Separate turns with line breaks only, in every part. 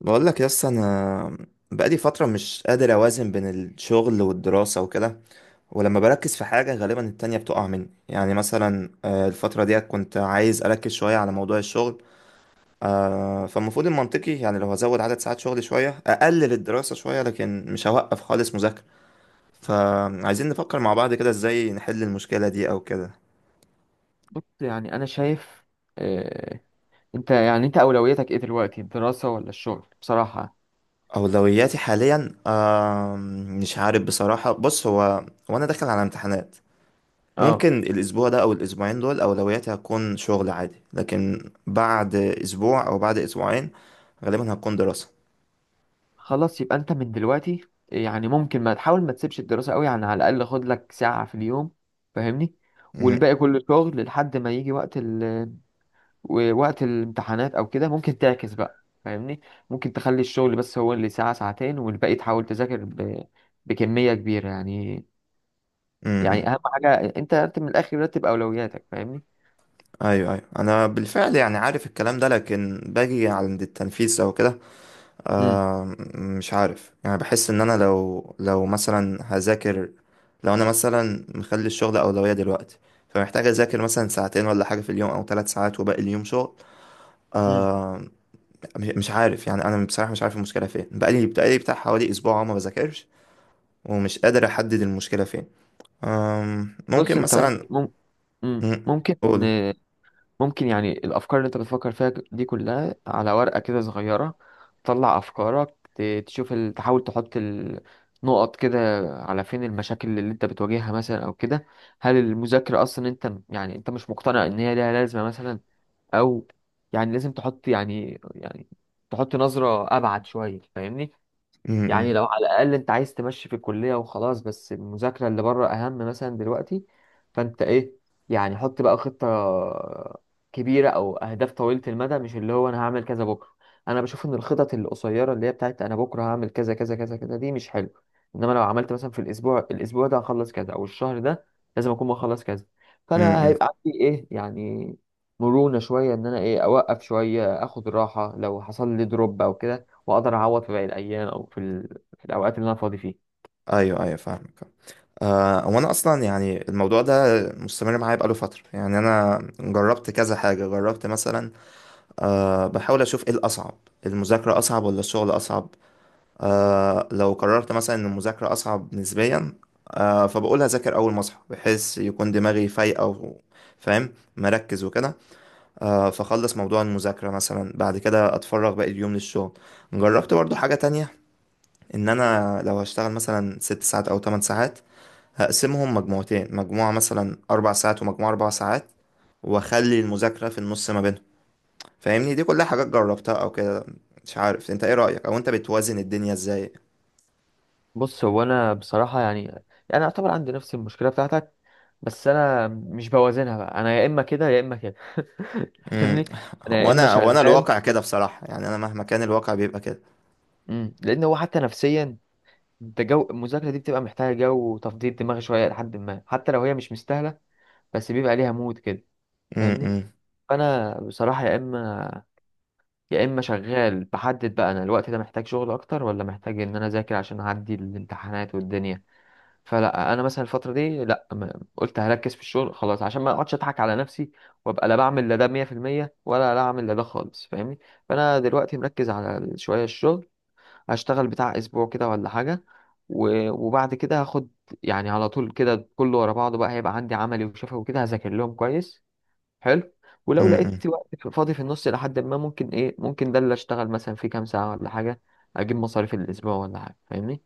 بقول لك يس انا. بقالي فتره مش قادر اوازن بين الشغل والدراسه وكده. ولما بركز في حاجه غالبا التانية بتقع مني، يعني مثلا الفتره ديت كنت عايز اركز شويه على موضوع الشغل. فالمفروض المنطقي يعني لو هزود عدد ساعات شغلي شويه اقلل الدراسه شويه، لكن مش هوقف خالص مذاكره. فعايزين نفكر مع بعض كده ازاي نحل المشكله دي او كده.
بص يعني انا شايف آه، انت اولويتك ايه دلوقتي، الدراسة ولا الشغل بصراحة؟
اولوياتي حاليا مش عارف بصراحه. بص، هو وانا داخل على امتحانات
اه.
ممكن الأسبوع ده أو الأسبوعين دول أولوياتي هتكون شغل عادي، لكن بعد أسبوع أو بعد أسبوعين غالبا هتكون دراسة.
خلاص يبقى انت من دلوقتي، يعني ممكن ما تسيبش الدراسة قوي، يعني على الاقل خد لك ساعة في اليوم، فاهمني؟
م-
والباقي كله شغل لحد ما يجي وقت الامتحانات او كده، ممكن تعكس بقى، فاهمني؟ ممكن تخلي الشغل بس هو اللي ساعة ساعتين، والباقي تحاول تذاكر بكمية كبيرة، يعني
م-
يعني
م.
اهم حاجة انت رتب من الاخر، رتب اولوياتك، فاهمني؟
أيوه أيوه، أنا بالفعل يعني عارف الكلام ده لكن باجي عند التنفيذ أو كده.
امم،
آه مش عارف يعني، بحس إن أنا لو مثلا هذاكر. لو أنا مثلا مخلي الشغل أولوية دلوقتي، فمحتاج أذاكر مثلا ساعتين ولا حاجة في اليوم أو 3 ساعات وباقي اليوم شغل.
امم.
آه، مش عارف يعني، انا بصراحه مش عارف المشكله فين. بقالي بتاع حوالي اسبوع أهو ما بذاكرش، ومش قادر احدد المشكله فين.
بص
ممكن
انت ممكن
مثلا.
مم- مم،
مم،
ممكن
قول. مم.
ممكن يعني الافكار اللي انت بتفكر فيها دي كلها على ورقه كده صغيره، تطلع افكارك، تشوف تحاول تحط النقط كده على فين المشاكل اللي انت بتواجهها مثلا او كده. هل المذاكره اصلا، انت يعني انت مش مقتنع ان هي ليها لازمه مثلا؟ او يعني لازم تحط، يعني تحط نظره ابعد شويه، فاهمني؟
مم.
يعني لو على الأقل أنت عايز تمشي في الكلية وخلاص، بس المذاكرة اللي بره أهم مثلا دلوقتي. فأنت إيه، يعني حط بقى خطة كبيرة أو أهداف طويلة المدى، مش اللي هو أنا هعمل كذا بكرة. أنا بشوف إن الخطط القصيرة اللي هي بتاعت أنا بكرة هعمل كذا كذا كذا كذا دي مش حلو. إنما لو عملت مثلا في الأسبوع، الأسبوع ده هخلص كذا، أو الشهر ده لازم أكون مخلص كذا،
مم.
فأنا
مم.
هيبقى عندي إيه، يعني مرونة شوية إن أنا إيه أوقف شوية، أخد راحة لو حصل لي دروب أو كده، واقدر اعوض في باقي الايام او في في الاوقات اللي انا فاضي فيه.
ايوه ايوه فاهمك. هو انا اصلا يعني الموضوع ده مستمر معايا بقاله فتره. يعني انا جربت كذا حاجه، جربت مثلا بحاول اشوف ايه الاصعب، المذاكره اصعب ولا الشغل اصعب. لو قررت مثلا ان المذاكرة اصعب نسبيا، فبقول هذاكر اول ما اصحى بحيث يكون دماغي فايقة فاهم مركز وكده. فخلص موضوع المذاكرة مثلا، بعد كده اتفرغ باقي اليوم للشغل. جربت برضو حاجة تانية، ان انا لو هشتغل مثلا 6 ساعات او 8 ساعات هقسمهم مجموعتين، مجموعة مثلا 4 ساعات ومجموعة 4 ساعات، واخلي المذاكرة في النص ما بينهم. فاهمني، دي كلها حاجات جربتها او كده. مش عارف انت ايه رأيك، او انت بتوازن الدنيا ازاي؟
بص هو انا بصراحه يعني، يعني اعتبر عندي نفس المشكله بتاعتك، بس انا مش بوازنها بقى، انا يا اما كده يا اما كده.
امم.
فاهمني. انا يا
هو
اما
انا هو انا
شغال.
الواقع كده بصراحة، يعني انا مهما كان الواقع بيبقى كده.
مم. لان هو حتى نفسيا، انت جو المذاكره دي بتبقى محتاجه جو وتفضيل دماغ شويه، لحد ما حتى لو هي مش مستاهله بس بيبقى ليها مود كده، فاهمني؟
امم.
فانا بصراحه يا اما شغال بحدد بقى انا الوقت ده محتاج شغل اكتر ولا محتاج ان انا اذاكر عشان اعدي الامتحانات والدنيا. فلا انا مثلا الفتره دي لا قلت هركز في الشغل خلاص عشان ما اقعدش اضحك على نفسي، وابقى لا بعمل لا ده 100% ولا لا اعمل لا ده خالص، فاهمني؟ فانا دلوقتي مركز على شويه الشغل، هشتغل بتاع اسبوع كده ولا حاجه وبعد كده هاخد، يعني على طول كده كله ورا بعضه بقى، هيبقى عندي عملي وشفوي وكده هذاكر لهم كويس. حلو. ولو
امم.
لقيت وقت فاضي في النص لحد ما، ممكن ايه، ممكن ده اللي اشتغل مثلا فيه كام ساعه ولا حاجه، اجيب مصاريف الاسبوع ولا حاجه، فاهمني؟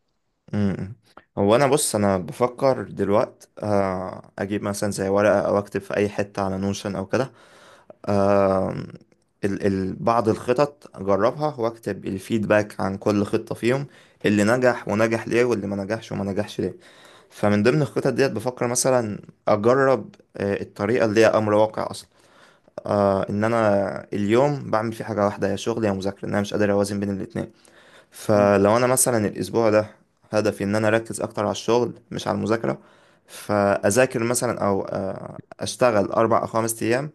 امم. هو انا بص، انا بفكر دلوقت اجيب مثلا زي ورقة او اكتب في اي حتة على نوشن او كده. آه، ال ال بعض الخطط اجربها واكتب الفيدباك عن كل خطة فيهم، اللي نجح ونجح ليه واللي ما نجحش وما نجحش ليه. فمن ضمن الخطط ديت بفكر مثلا اجرب الطريقة اللي هي امر واقع. ان انا اليوم بعمل فيه حاجه واحده، يا شغل يا مذاكره، ان انا مش قادر اوازن بين الاتنين.
مم.
فلو انا مثلا الاسبوع ده هدفي ان انا اركز اكتر على الشغل مش على المذاكره، فاذاكر مثلا او اشتغل 4 او 5 ايام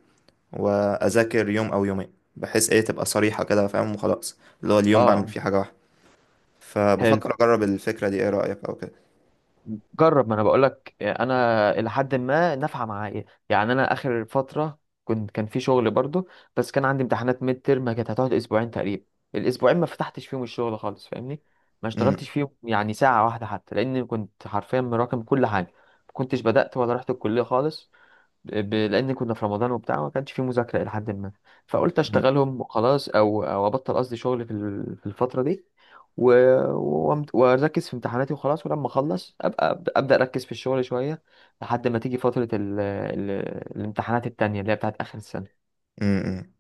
واذاكر يوم او يومين، بحيث ايه تبقى صريحه كده فاهم وخلاص، اللي هو اليوم بعمل
اه.
فيه حاجه واحده.
حلو،
فبفكر اجرب الفكره دي، ايه رايك او كده؟
جرب، ما انا بقول لك انا الى حد ما نافعه معايا. يعني انا اخر فتره كنت، كان في شغل برضو، بس كان عندي امتحانات ميد ترم كانت هتقعد اسبوعين تقريبا. الاسبوعين ما فتحتش فيهم الشغل خالص، فاهمني؟ ما
م-
اشتغلتش فيهم يعني ساعه واحده حتى، لان كنت حرفيا مراكم كل حاجه. ما كنتش بدات ولا رحت الكليه خالص، لان كنا في رمضان وبتاع، ما كانش فيه مذاكره الى حد ما. فقلت
م-
اشتغلهم وخلاص، او ابطل، قصدي شغل في الفتره دي. و... واركز في امتحاناتي وخلاص، ولما اخلص ابقى أبدأ اركز في الشغل شويه لحد ما تيجي فتره الامتحانات التانية اللي هي بتاعت اخر السنه.
م- م.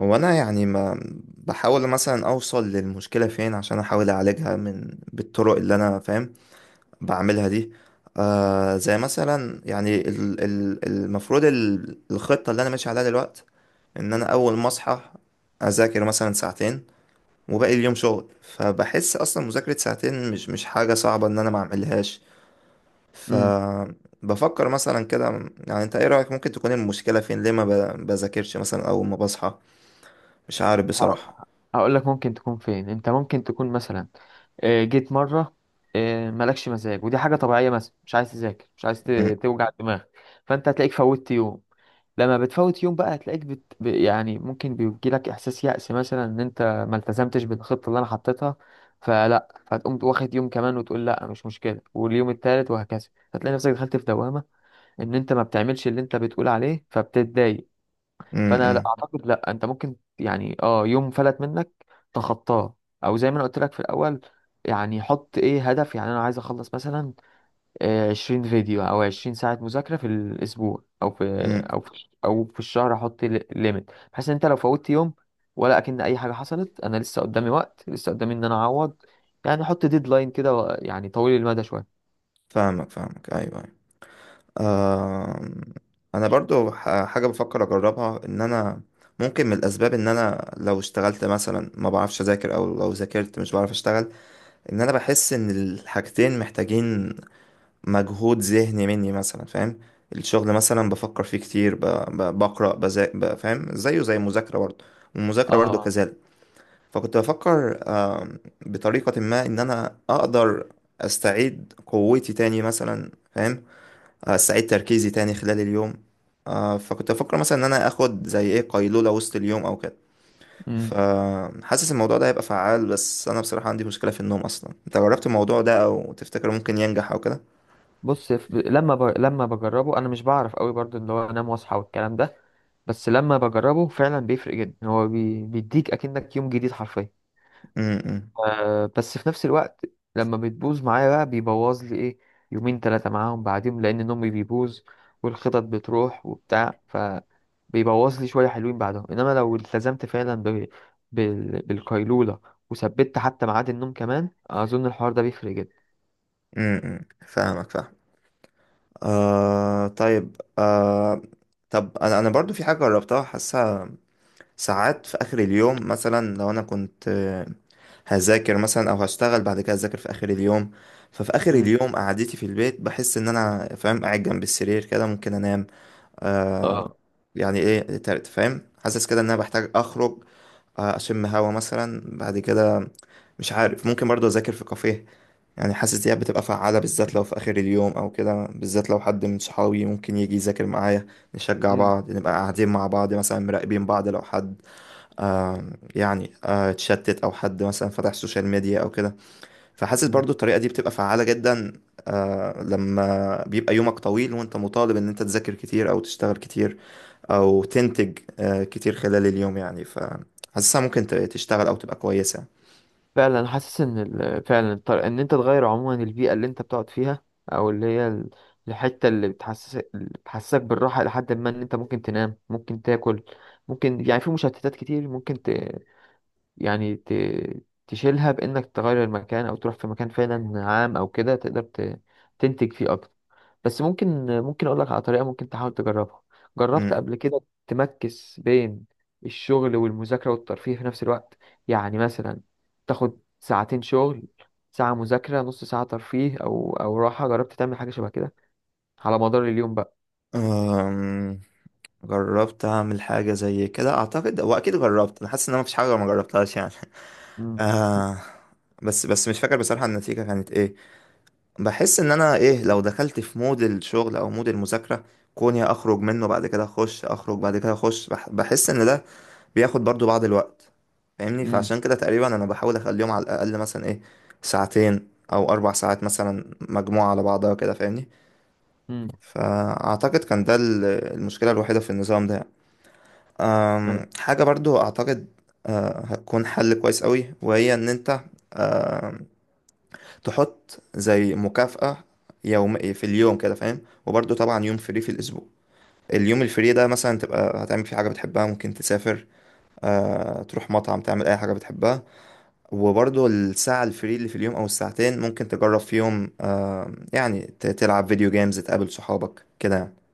هو انا يعني ما بحاول مثلا اوصل للمشكله فين عشان احاول اعالجها من بالطرق اللي انا فاهم بعملها دي. زي مثلا يعني المفروض الخطه اللي انا ماشي عليها دلوقتي ان انا اول ما اصحى اذاكر مثلا ساعتين وباقي اليوم شغل. فبحس اصلا مذاكره ساعتين مش حاجه صعبه ان انا ما اعملهاش،
امم.
فبفكر مثلا كده. يعني انت ايه رايك، ممكن تكون المشكله فين؟ ليه ما بذاكرش مثلا اول ما بصحى؟ مش عارف
ه-
بصراحه.
هقول لك ممكن تكون فين. انت ممكن تكون مثلا آه، جيت مرة آه، مالكش مزاج، ودي حاجة طبيعية مثلا، مش عايز تذاكر، مش عايز توجع دماغك، فأنت هتلاقيك فوتت يوم. لما بتفوت يوم بقى هتلاقيك يعني ممكن بيجيلك إحساس يأس مثلا، إن أنت ما التزمتش بالخطة اللي أنا حطيتها، فتقوم واخد يوم كمان وتقول لا مش مشكلة، واليوم التالت وهكذا. هتلاقي نفسك دخلت في دوامة، إن أنت ما بتعملش اللي أنت بتقول عليه فبتتضايق.
امم.
فانا لا
امم.
اعتقد، لا انت ممكن يعني اه يوم فلت منك تخطاه، او زي ما انا قلت لك في الاول، يعني حط ايه هدف، يعني انا عايز اخلص مثلا آه، 20 فيديو او 20 ساعة مذاكرة في الاسبوع او في
امم.
او في او في الشهر، احط ليميت بحيث ان انت لو فوتت يوم ولا اكن اي حاجة حصلت، انا لسه قدامي وقت، لسه قدامي ان انا اعوض. يعني حط ديدلاين كده، يعني طويل المدى شوية.
فاهمك فاهمك ايوه ايوه. آم، انا برضو حاجه بفكر اجربها، ان انا ممكن من الاسباب ان انا لو اشتغلت مثلا ما بعرفش اذاكر، او لو ذاكرت مش بعرف اشتغل. ان انا بحس ان الحاجتين محتاجين مجهود ذهني مني مثلا فاهم. الشغل مثلا بفكر فيه كتير بقرا بذاكر، فاهم زيه زي المذاكره برضو، والمذاكره برضو
اه.
كذلك. فكنت بفكر بطريقة ما إن أنا أقدر أستعيد قوتي تاني مثلا فاهم. أستعيد تركيزي تاني خلال اليوم. فكنت بفكر مثلا إن أنا آخد زي إيه قيلولة وسط اليوم أو كده.
امم.
فحاسس الموضوع ده هيبقى فعال، بس أنا بصراحة عندي مشكلة في النوم أصلا. أنت جربت الموضوع ده أو تفتكر ممكن ينجح أو كده؟
بص لما بجربه انا مش بعرف قوي برضو ان هو انام واصحى والكلام ده، بس لما بجربه فعلا بيفرق جدا، هو بيديك اكنك يوم جديد حرفيا.
امم.
آه بس في نفس الوقت لما بتبوظ معايا بقى بيبوظ لي ايه، يومين ثلاثة معاهم، بعدين لان نومي بيبوظ والخطط بتروح وبتاع، ف بيبوظ لي شوية حلوين بعدهم. انما لو التزمت فعلا بالقيلولة، وثبت حتى ميعاد النوم كمان، اظن الحوار ده بيفرق جدا.
امم. فاهمك فاهم. طيب طب أنا برضو في حاجة جربتها حاسها. ساعات في آخر اليوم مثلا، لو أنا كنت هذاكر مثلا أو هشتغل بعد كده أذاكر في آخر اليوم. ففي آخر
مم.
اليوم قعدتي في البيت بحس إن أنا فاهم قاعد جنب السرير كده ممكن أنام. آه
اه.
يعني إيه فاهم، حاسس كده إن أنا بحتاج أخرج، أشم هوا مثلا بعد كده. مش عارف، ممكن برضه أذاكر في كافيه، يعني حاسس دي بتبقى فعالة بالذات لو في آخر اليوم أو كده، بالذات لو حد من صحابي ممكن يجي يذاكر معايا، نشجع
مم.
بعض، نبقى قاعدين مع بعض مثلا مراقبين بعض لو حد آه يعني اتشتت او حد مثلا فتح سوشيال ميديا او كده. فحاسس برضو الطريقة دي بتبقى فعالة جدا لما بيبقى يومك طويل وانت مطالب ان انت تذاكر كتير او تشتغل كتير او تنتج كتير خلال اليوم يعني. فحاسسها ممكن تشتغل او تبقى كويسة.
فعلا حاسس ان ال- فعلا الطر- ان انت تغير عموما البيئه اللي انت بتقعد فيها، او اللي هي الحته اللي بتحسسك بالراحه لحد ما ان انت ممكن تنام، ممكن تاكل، ممكن يعني في مشتتات كتير، ممكن يعني تشيلها بإنك تغير المكان أو تروح في مكان فعلا عام أو كده تقدر تنتج فيه أكتر. بس ممكن أقول لك على طريقة ممكن تحاول تجربها، جربت
مم.
قبل كده؟ تمكس بين الشغل والمذاكرة والترفيه في نفس الوقت، يعني مثلا تاخد ساعتين شغل، ساعة مذاكرة، نص ساعة ترفيه أو أو راحة، جربت تعمل حاجة شبه كده على مدار اليوم بقى؟
آم، جربت اعمل حاجة زي كده اعتقد، واكيد جربت، انا حاسس ان انا مفيش حاجة ما جربتهاش يعني.
مم.
آه بس بس مش فاكر بصراحة النتيجة كانت ايه. بحس ان انا ايه، لو دخلت في مود الشغل او مود المذاكرة، كوني اخرج منه بعد كده اخش، اخرج بعد كده اخش، بحس ان ده بياخد برضو بعض الوقت. فاهمني،
مم.
فعشان كده تقريبا انا بحاول اخليهم على الاقل مثلا ايه، ساعتين او 4 ساعات مثلا مجموعة على بعضها كده فاهمني. فاعتقد كان ده المشكلة الوحيدة في النظام ده.
مم.
حاجة برضو اعتقد هتكون حل كويس قوي، وهي ان انت تحط زي مكافأة يوم في اليوم كده فاهم. وبرضه طبعا يوم فري في الأسبوع، اليوم الفري ده مثلا تبقى هتعمل فيه حاجة بتحبها، ممكن تسافر، تروح مطعم، تعمل أي حاجة بتحبها. وبرضه الساعة الفري اللي في اليوم أو الساعتين ممكن تجرب فيهم يعني تلعب فيديو جيمز، تقابل صحابك كده يعني.